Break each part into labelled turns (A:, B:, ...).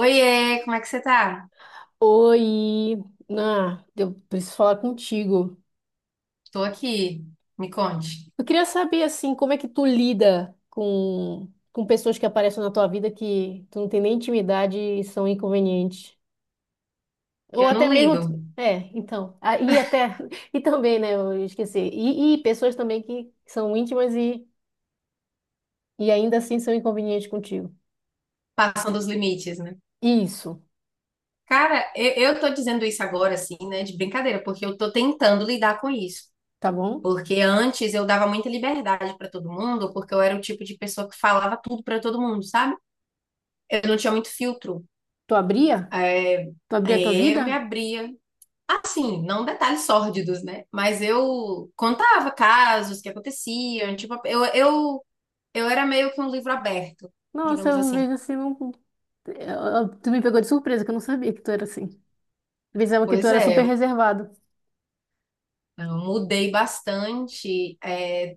A: Oiê, como é que você tá?
B: Oi, eu preciso falar contigo.
A: Tô aqui, me conte.
B: Eu queria saber assim, como é que tu lida com pessoas que aparecem na tua vida que tu não tem nem intimidade e são inconvenientes. Ou
A: Eu
B: até
A: não
B: mesmo,
A: lido,
B: então, e até e também, né, eu esqueci. E pessoas também que são íntimas e ainda assim são inconvenientes contigo.
A: passando os limites, né?
B: Isso,
A: Cara, eu tô dizendo isso agora, assim, né, de brincadeira, porque eu tô tentando lidar com isso.
B: tá bom?
A: Porque antes eu dava muita liberdade pra todo mundo, porque eu era o tipo de pessoa que falava tudo pra todo mundo, sabe? Eu não tinha muito filtro.
B: Tu abria?
A: É,
B: Tu abria a tua
A: eu
B: vida?
A: me abria. Assim, não detalhes sórdidos, né? Mas eu contava casos que aconteciam, tipo, eu era meio que um livro aberto,
B: Nossa,
A: digamos
B: eu
A: assim.
B: vejo assim, não, tu me pegou de surpresa, que eu não sabia que tu era assim. Pensava que tu
A: Pois
B: era
A: é,
B: super
A: eu
B: reservado.
A: mudei bastante.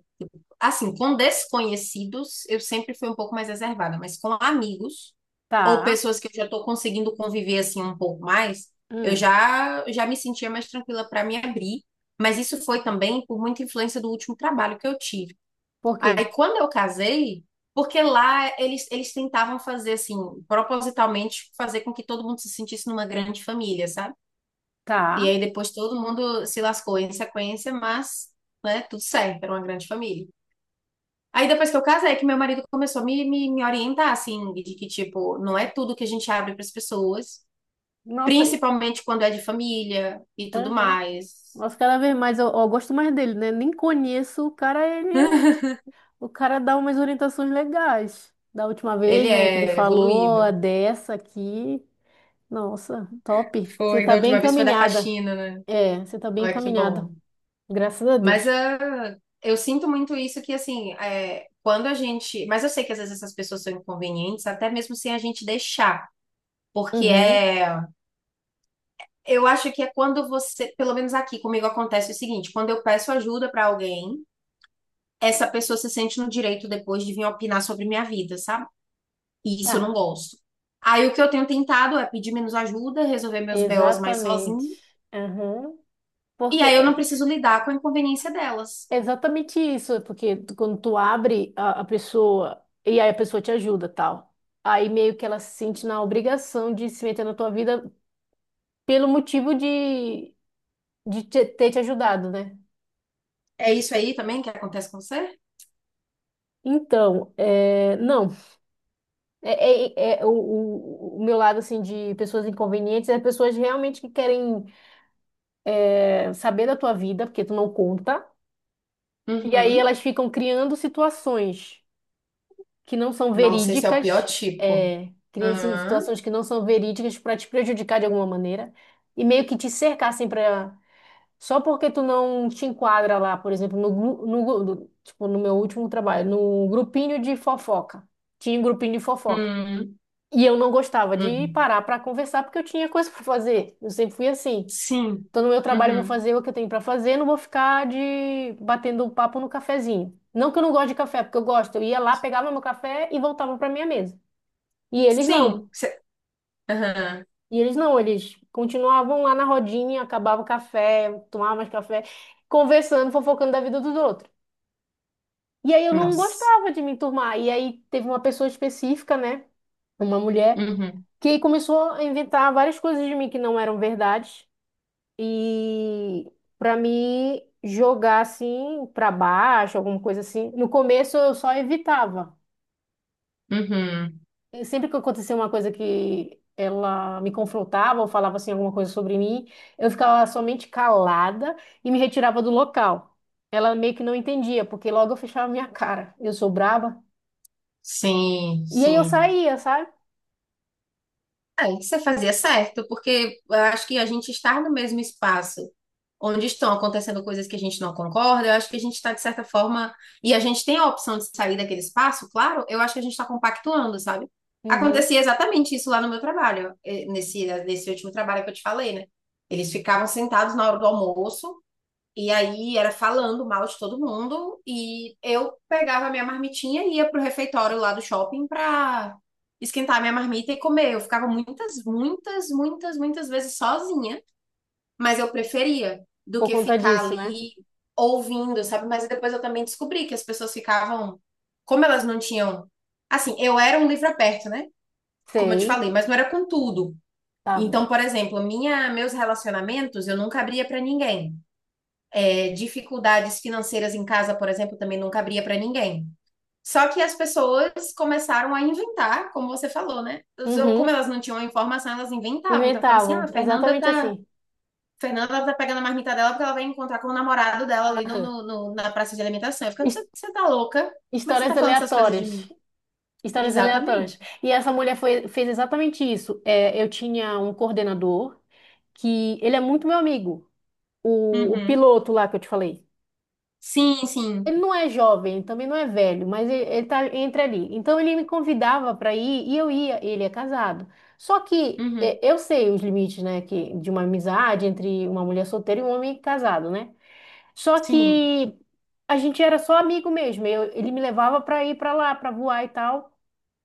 A: Assim, com desconhecidos, eu sempre fui um pouco mais reservada, mas com amigos ou
B: Tá.
A: pessoas que eu já estou conseguindo conviver assim um pouco mais, eu
B: Hum.
A: já me sentia mais tranquila para me abrir. Mas isso foi também por muita influência do último trabalho que eu tive.
B: Por quê?
A: Aí quando eu casei, porque lá eles tentavam fazer assim, propositalmente fazer com que todo mundo se sentisse numa grande família, sabe? E
B: Tá.
A: aí depois todo mundo se lascou em sequência, mas, né, tudo certo, era uma grande família. Aí depois que eu casei, que meu marido começou a me orientar, assim, de que, tipo, não é tudo que a gente abre para as pessoas,
B: Nossa, e-
A: principalmente quando é de família e tudo
B: aham.
A: mais.
B: Nossa, cada vez mais eu gosto mais dele, né? Nem conheço o cara, ele é... O cara dá umas orientações legais. Da última vez,
A: Ele
B: né, que ele
A: é
B: falou
A: evoluído.
B: a dessa aqui. Nossa, top. Você
A: Foi,
B: tá
A: da
B: bem
A: última vez foi da
B: encaminhada.
A: faxina, né?
B: É, você tá bem
A: Olha que
B: encaminhada.
A: bom.
B: Graças a
A: Mas
B: Deus.
A: eu sinto muito isso que, assim, quando a gente... Mas eu sei que às vezes essas pessoas são inconvenientes, até mesmo sem a gente deixar, porque
B: Uhum.
A: é eu acho que é quando você, pelo menos aqui comigo acontece o seguinte, quando eu peço ajuda pra alguém, essa pessoa se sente no direito depois de vir opinar sobre minha vida, sabe? E isso eu não
B: Tá.
A: gosto. Aí o que eu tenho tentado é pedir menos ajuda, resolver meus BOs mais
B: Exatamente.
A: sozinho
B: Aham.
A: e
B: Porque
A: aí eu não
B: é,
A: preciso lidar com a inconveniência delas.
B: É exatamente isso, porque quando tu abre a pessoa e aí a pessoa te ajuda, tal. Aí meio que ela se sente na obrigação de se meter na tua vida pelo motivo de, ter te ajudado, né?
A: É isso aí também que acontece com você?
B: Então, não, é o meu lado assim de pessoas inconvenientes é pessoas realmente que querem saber da tua vida, porque tu não conta, e aí
A: Uhum.
B: elas ficam criando situações que não são
A: Nossa, esse é o pior
B: verídicas,
A: tipo.
B: é, cria
A: Aham.
B: situações que não são verídicas para te prejudicar de alguma maneira e meio que te cercassem para só porque tu não te enquadra lá, por exemplo, tipo, no meu último trabalho, no grupinho de fofoca. Tinha um grupinho de fofoca.
A: Uhum.
B: E eu não gostava de
A: Uhum.
B: parar para conversar porque eu tinha coisa para fazer. Eu sempre fui assim.
A: Sim.
B: Então, no meu trabalho, eu vou
A: Uhum.
B: fazer o que eu tenho para fazer, não vou ficar de batendo papo no cafezinho. Não que eu não goste de café, porque eu gosto. Eu ia lá, pegava meu café e voltava para minha mesa. E eles não.
A: Sim. Cê- Aham.
B: E eles não, eles continuavam lá na rodinha, acabava o café, tomava mais café, conversando, fofocando da vida dos outros. E aí eu não
A: Nossa.
B: gostava de me enturmar. E aí teve uma pessoa específica, né? Uma mulher,
A: Uhum.
B: que começou a inventar várias coisas de mim que não eram verdade e para mim jogar assim para baixo, alguma coisa assim. No começo eu só evitava.
A: Uhum.
B: E sempre que acontecia uma coisa que ela me confrontava ou falava assim alguma coisa sobre mim, eu ficava somente calada e me retirava do local. Ela meio que não entendia, porque logo eu fechava minha cara. Eu sou braba.
A: Sim,
B: E aí eu
A: sim.
B: saía, sabe?
A: É, você fazia é certo, porque eu acho que a gente estar no mesmo espaço onde estão acontecendo coisas que a gente não concorda, eu acho que a gente está, de certa forma, e a gente tem a opção de sair daquele espaço, claro, eu acho que a gente está compactuando, sabe?
B: Uhum.
A: Acontecia exatamente isso lá no meu trabalho, nesse último trabalho que eu te falei, né? Eles ficavam sentados na hora do almoço, e aí era falando mal de todo mundo e eu pegava a minha marmitinha e ia pro refeitório lá do shopping pra esquentar a minha marmita e comer. Eu ficava muitas, muitas, muitas, muitas vezes sozinha, mas eu preferia do
B: Por
A: que
B: conta
A: ficar
B: disso, né?
A: ali ouvindo, sabe? Mas depois eu também descobri que as pessoas ficavam, como elas não tinham, assim, eu era um livro aberto, né? Como eu te
B: Sei,
A: falei, mas não era com tudo.
B: sabe?
A: Então, por exemplo, meus relacionamentos eu nunca abria pra ninguém dificuldades financeiras em casa, por exemplo, também não cabria para ninguém. Só que as pessoas começaram a inventar, como você falou, né?
B: Uhum.
A: Como elas não tinham a informação, elas inventavam. Então ficava assim: ah, a
B: Inventavam,
A: Fernanda
B: exatamente
A: tá.
B: assim.
A: Fernanda ela tá pegando a marmita dela porque ela vai encontrar com o namorado dela ali
B: Aham.
A: na praça de alimentação. Eu ficava, você tá louca? Como é que você tá
B: Histórias
A: falando essas coisas de mim?
B: aleatórias. Histórias aleatórias.
A: Exatamente.
B: E essa mulher fez exatamente isso. É, eu tinha um coordenador que ele é muito meu amigo. O
A: Uhum.
B: piloto lá que eu te falei.
A: Sim, sim.
B: Ele não é jovem, ele também não é velho, mas ele tá entre ali. Então ele me convidava para ir e eu ia. Ele é casado. Só que é,
A: Uhum.
B: eu sei os limites, né, que, de uma amizade entre uma mulher solteira e um homem casado, né? Só
A: Sim.
B: que a gente era só amigo mesmo. Ele me levava para ir para lá, para voar e tal.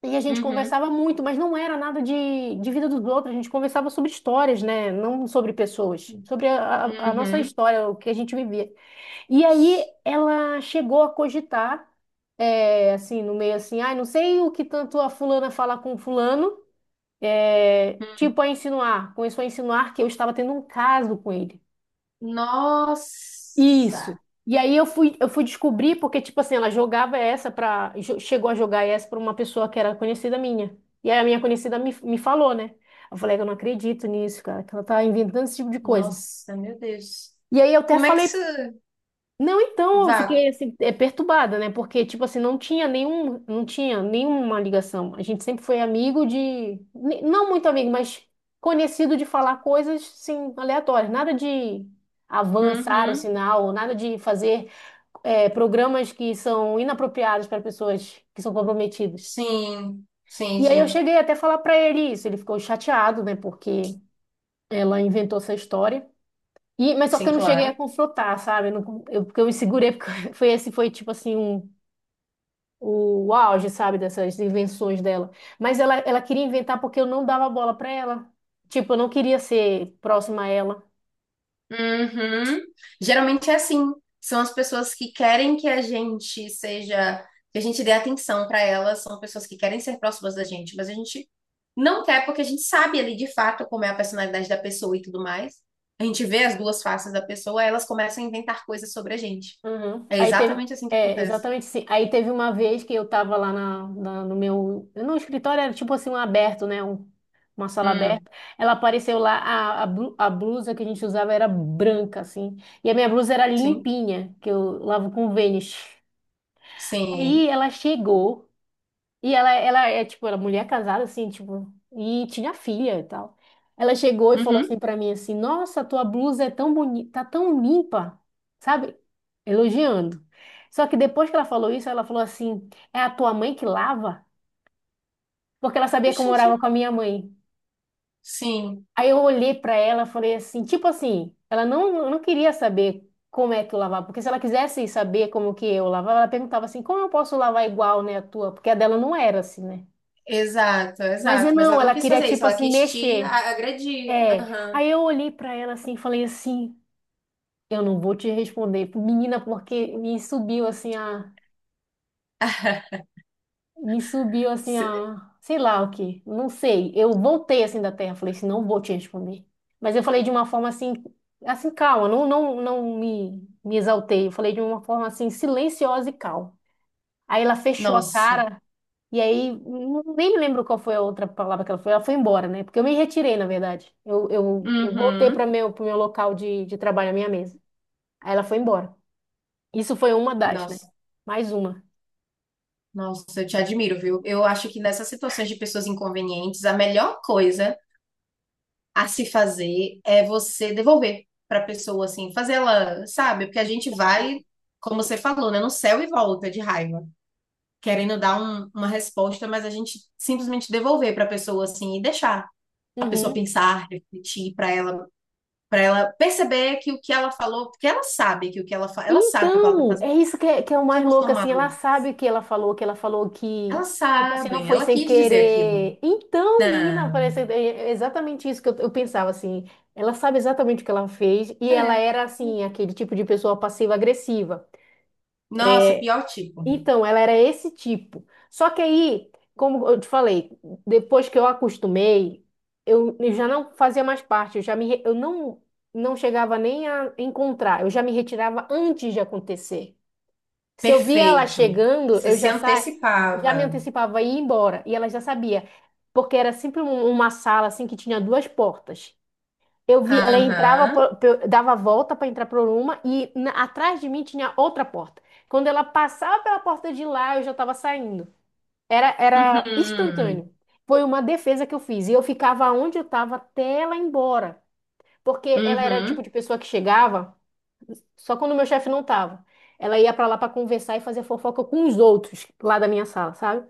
B: E a gente
A: Uhum.
B: conversava muito, mas não era nada de vida dos outros, a gente conversava sobre histórias, né? Não sobre pessoas, sobre a nossa
A: Uhum.
B: história, o que a gente vivia. E aí ela chegou a cogitar, é, assim, no meio assim, ai, não sei o que tanto a fulana fala com fulano, é,
A: Hum.
B: tipo a insinuar, começou a insinuar que eu estava tendo um caso com ele.
A: Nossa.
B: Isso. E aí eu fui descobrir, porque, tipo assim, ela jogava essa pra. Chegou a jogar essa pra uma pessoa que era conhecida minha. E aí a minha conhecida me falou, né? Eu falei que eu não acredito nisso, cara, que ela tá inventando esse tipo de coisa.
A: Nossa, meu Deus.
B: E aí eu até
A: Como é que
B: falei,
A: você
B: não, então, eu
A: vá.
B: fiquei assim, é, perturbada, né? Porque, tipo assim, não tinha nenhuma ligação. A gente sempre foi amigo de. Não muito amigo, mas conhecido de falar coisas, sim, aleatórias. Nada de avançar o
A: Uhum.
B: sinal, nada de fazer programas que são inapropriados para pessoas que são comprometidas.
A: Sim, sim,
B: E aí eu
A: sim.
B: cheguei até a falar para ele isso, ele ficou chateado, né, porque ela inventou essa história. E, mas só que
A: Sim,
B: eu não cheguei a
A: claro.
B: confrontar, sabe? Eu, não eu- porque eu me segurei, porque foi tipo assim um, o auge, sabe, dessas invenções dela. Mas ela queria inventar porque eu não dava bola para ela. Tipo, eu não queria ser próxima a ela.
A: Uhum. Geralmente é assim. São as pessoas que querem que a gente seja, que a gente dê atenção para elas, são pessoas que querem ser próximas da gente, mas a gente não quer porque a gente sabe ali de fato como é a personalidade da pessoa e tudo mais. A gente vê as duas faces da pessoa, aí elas começam a inventar coisas sobre a gente.
B: Uhum.
A: É
B: Aí teve,
A: exatamente assim que
B: é,
A: acontece.
B: exatamente assim. Aí teve uma vez que eu tava lá no meu, no escritório era tipo assim um aberto, né? Um, uma sala
A: Hum,
B: aberta. Ela apareceu lá, a blusa que a gente usava era branca, assim. E a minha blusa era
A: sim,
B: limpinha, que eu lavo com Vênus. Aí
A: sim.
B: ela chegou. E ela é, tipo, era mulher casada, assim, tipo, e tinha filha e tal. Ela chegou e falou
A: Uhum.
B: assim pra mim, assim, nossa, tua blusa é tão bonita, tá tão limpa, sabe? Elogiando. Só que depois que ela falou isso, ela falou assim, é a tua mãe que lava? Porque ela sabia que eu
A: Oxente.
B: morava com a minha mãe.
A: Sim,
B: Aí eu olhei pra ela, falei assim, tipo assim, ela não, não queria saber como é que eu lavava, porque se ela quisesse saber como que eu lavava, ela perguntava assim, como eu posso lavar igual, né, a tua? Porque a dela não era assim, né?
A: exato,
B: Mas eu
A: exato. Mas
B: não,
A: ela não
B: ela
A: quis
B: queria,
A: fazer isso,
B: tipo
A: ela
B: assim,
A: quis te
B: mexer.
A: a- agredir.
B: É.
A: Aham.
B: Aí eu olhei pra ela assim e falei assim: eu não vou te responder, menina, porque me subiu assim a. Me subiu assim
A: Se-
B: a. Sei lá o que, não sei. Eu voltei assim da terra, falei assim: não vou te responder. Mas eu falei de uma forma assim, assim, calma, não, não, me exaltei. Eu falei de uma forma assim, silenciosa e calma. Aí ela fechou a
A: Nossa.
B: cara. E aí, nem me lembro qual foi a outra palavra que ela foi. Ela foi embora, né? Porque eu me retirei, na verdade. Eu voltei para
A: Uhum.
B: meu, pro meu local de trabalho, a minha mesa. Aí ela foi embora. Isso foi uma das, né?
A: Nossa.
B: Mais uma.
A: Nossa, eu te admiro, viu? Eu acho que nessas situações de pessoas inconvenientes, a melhor coisa a se fazer é você devolver para a pessoa, assim, fazer ela, sabe? Porque a gente vai,
B: Refletindo.
A: como você falou, né, no céu e volta de raiva, querendo dar um- uma resposta, mas a gente simplesmente devolver para a pessoa, assim, e deixar. A pessoa
B: Uhum.
A: pensar, refletir, para ela perceber que o que ela falou, porque ela sabe que o que ela fala, ela sabe o que ela tá
B: Então,
A: fazendo.
B: é isso que é o
A: As
B: mais
A: pessoas não
B: louco,
A: são
B: assim, ela
A: malucas.
B: sabe o que ela falou, que ela falou que,
A: Elas
B: tipo assim, não
A: sabem,
B: foi
A: ela
B: sem
A: quis dizer aquilo.
B: querer. Então, menina,
A: Não.
B: parece é é exatamente isso que eu pensava, assim, ela sabe exatamente o que ela fez e ela
A: É.
B: era, assim, aquele tipo de pessoa passiva-agressiva.
A: Nossa, pior tipo.
B: Então, ela era esse tipo. Só que aí, como eu te falei, depois que eu acostumei, eu já não fazia mais parte, eu já me, re- eu não, não chegava nem a encontrar, eu já me retirava antes de acontecer. Se eu via ela
A: Perfeito.
B: chegando,
A: Você
B: eu
A: se
B: já sa... já me
A: antecipava.
B: antecipava e ia embora. E ela já sabia. Porque era sempre uma sala assim que tinha duas portas. Eu vi, ela entrava,
A: Aham.
B: dava a volta para entrar por uma e atrás de mim tinha outra porta. Quando ela passava pela porta de lá, eu já estava saindo. Era
A: Uhum.
B: instantâneo. Foi uma defesa que eu fiz. E eu ficava onde eu estava até ela ir embora. Porque ela era o
A: Uhum.
B: tipo de pessoa que chegava. Só quando meu chefe não tava. Ela ia pra lá pra conversar e fazer fofoca com os outros lá da minha sala, sabe?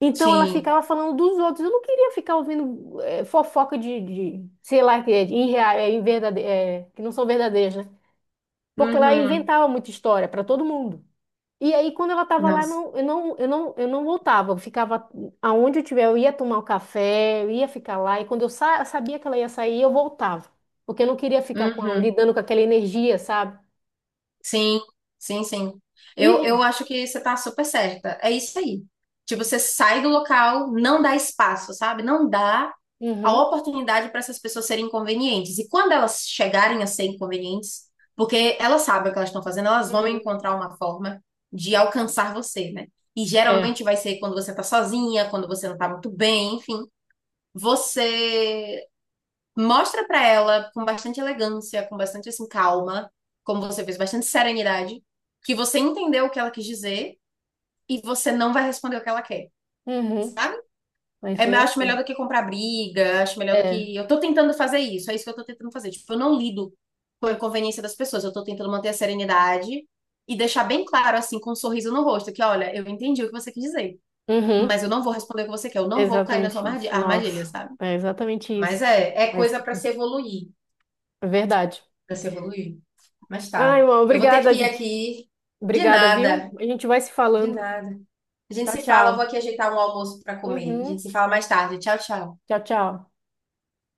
B: Então ela
A: Sim.
B: ficava falando dos outros. Eu não queria ficar ouvindo fofoca sei lá, que é de irreal, é, que não são verdadeiras, né? Porque ela
A: Uhum.
B: inventava muita história pra todo mundo. E aí quando ela tava lá,
A: Nossa.
B: não, eu não voltava. Eu ficava aonde eu tiver, eu ia tomar um café, eu ia ficar lá. E quando eu sabia que ela ia sair, eu voltava, porque eu não queria ficar com,
A: Uhum.
B: lidando com aquela energia, sabe?
A: Sim, sim, sim. Eu,
B: E
A: eu acho que você tá super certa. É isso aí. Tipo, você sai do local, não dá espaço, sabe? Não dá a
B: Uhum.
A: oportunidade para essas pessoas serem inconvenientes. E quando elas chegarem a ser inconvenientes, porque elas sabem o que elas estão fazendo, elas vão
B: Uhum.
A: encontrar uma forma de alcançar você, né? E
B: É.
A: geralmente vai ser quando você tá sozinha, quando você não tá muito bem, enfim. Você mostra pra ela com bastante elegância, com bastante assim calma, como você fez, bastante serenidade, que você entendeu o que ela quis dizer e você não vai responder o que ela quer,
B: Uhum.
A: sabe?
B: Mas
A: É, eu
B: foi
A: acho melhor
B: assim.
A: do que comprar briga, acho melhor do
B: É.
A: que eu tô tentando fazer isso, é isso que eu tô tentando fazer. Tipo, eu não lido com a inconveniência das pessoas, eu tô tentando manter a serenidade e deixar bem claro assim com um sorriso no rosto que olha, eu entendi o que você quis dizer,
B: Uhum.
A: mas eu não vou responder o que você quer, eu não vou cair na sua
B: Exatamente
A: armadilha,
B: isso.
A: armadilha,
B: Nossa.
A: sabe?
B: É exatamente
A: Mas
B: isso.
A: é
B: Mas,
A: coisa pra
B: enfim,
A: se evoluir,
B: é verdade.
A: pra se evoluir. Mas
B: Ai,
A: tá.
B: irmão,
A: Eu vou ter
B: obrigada,
A: que ir
B: gente.
A: aqui. De
B: Obrigada, viu?
A: nada,
B: A gente vai se
A: de
B: falando.
A: nada. A gente
B: Tchau,
A: se fala, eu vou
B: tchau.
A: aqui ajeitar um almoço para comer. A
B: Uhum.
A: gente se fala mais tarde. Tchau, tchau.
B: Tchau, tchau.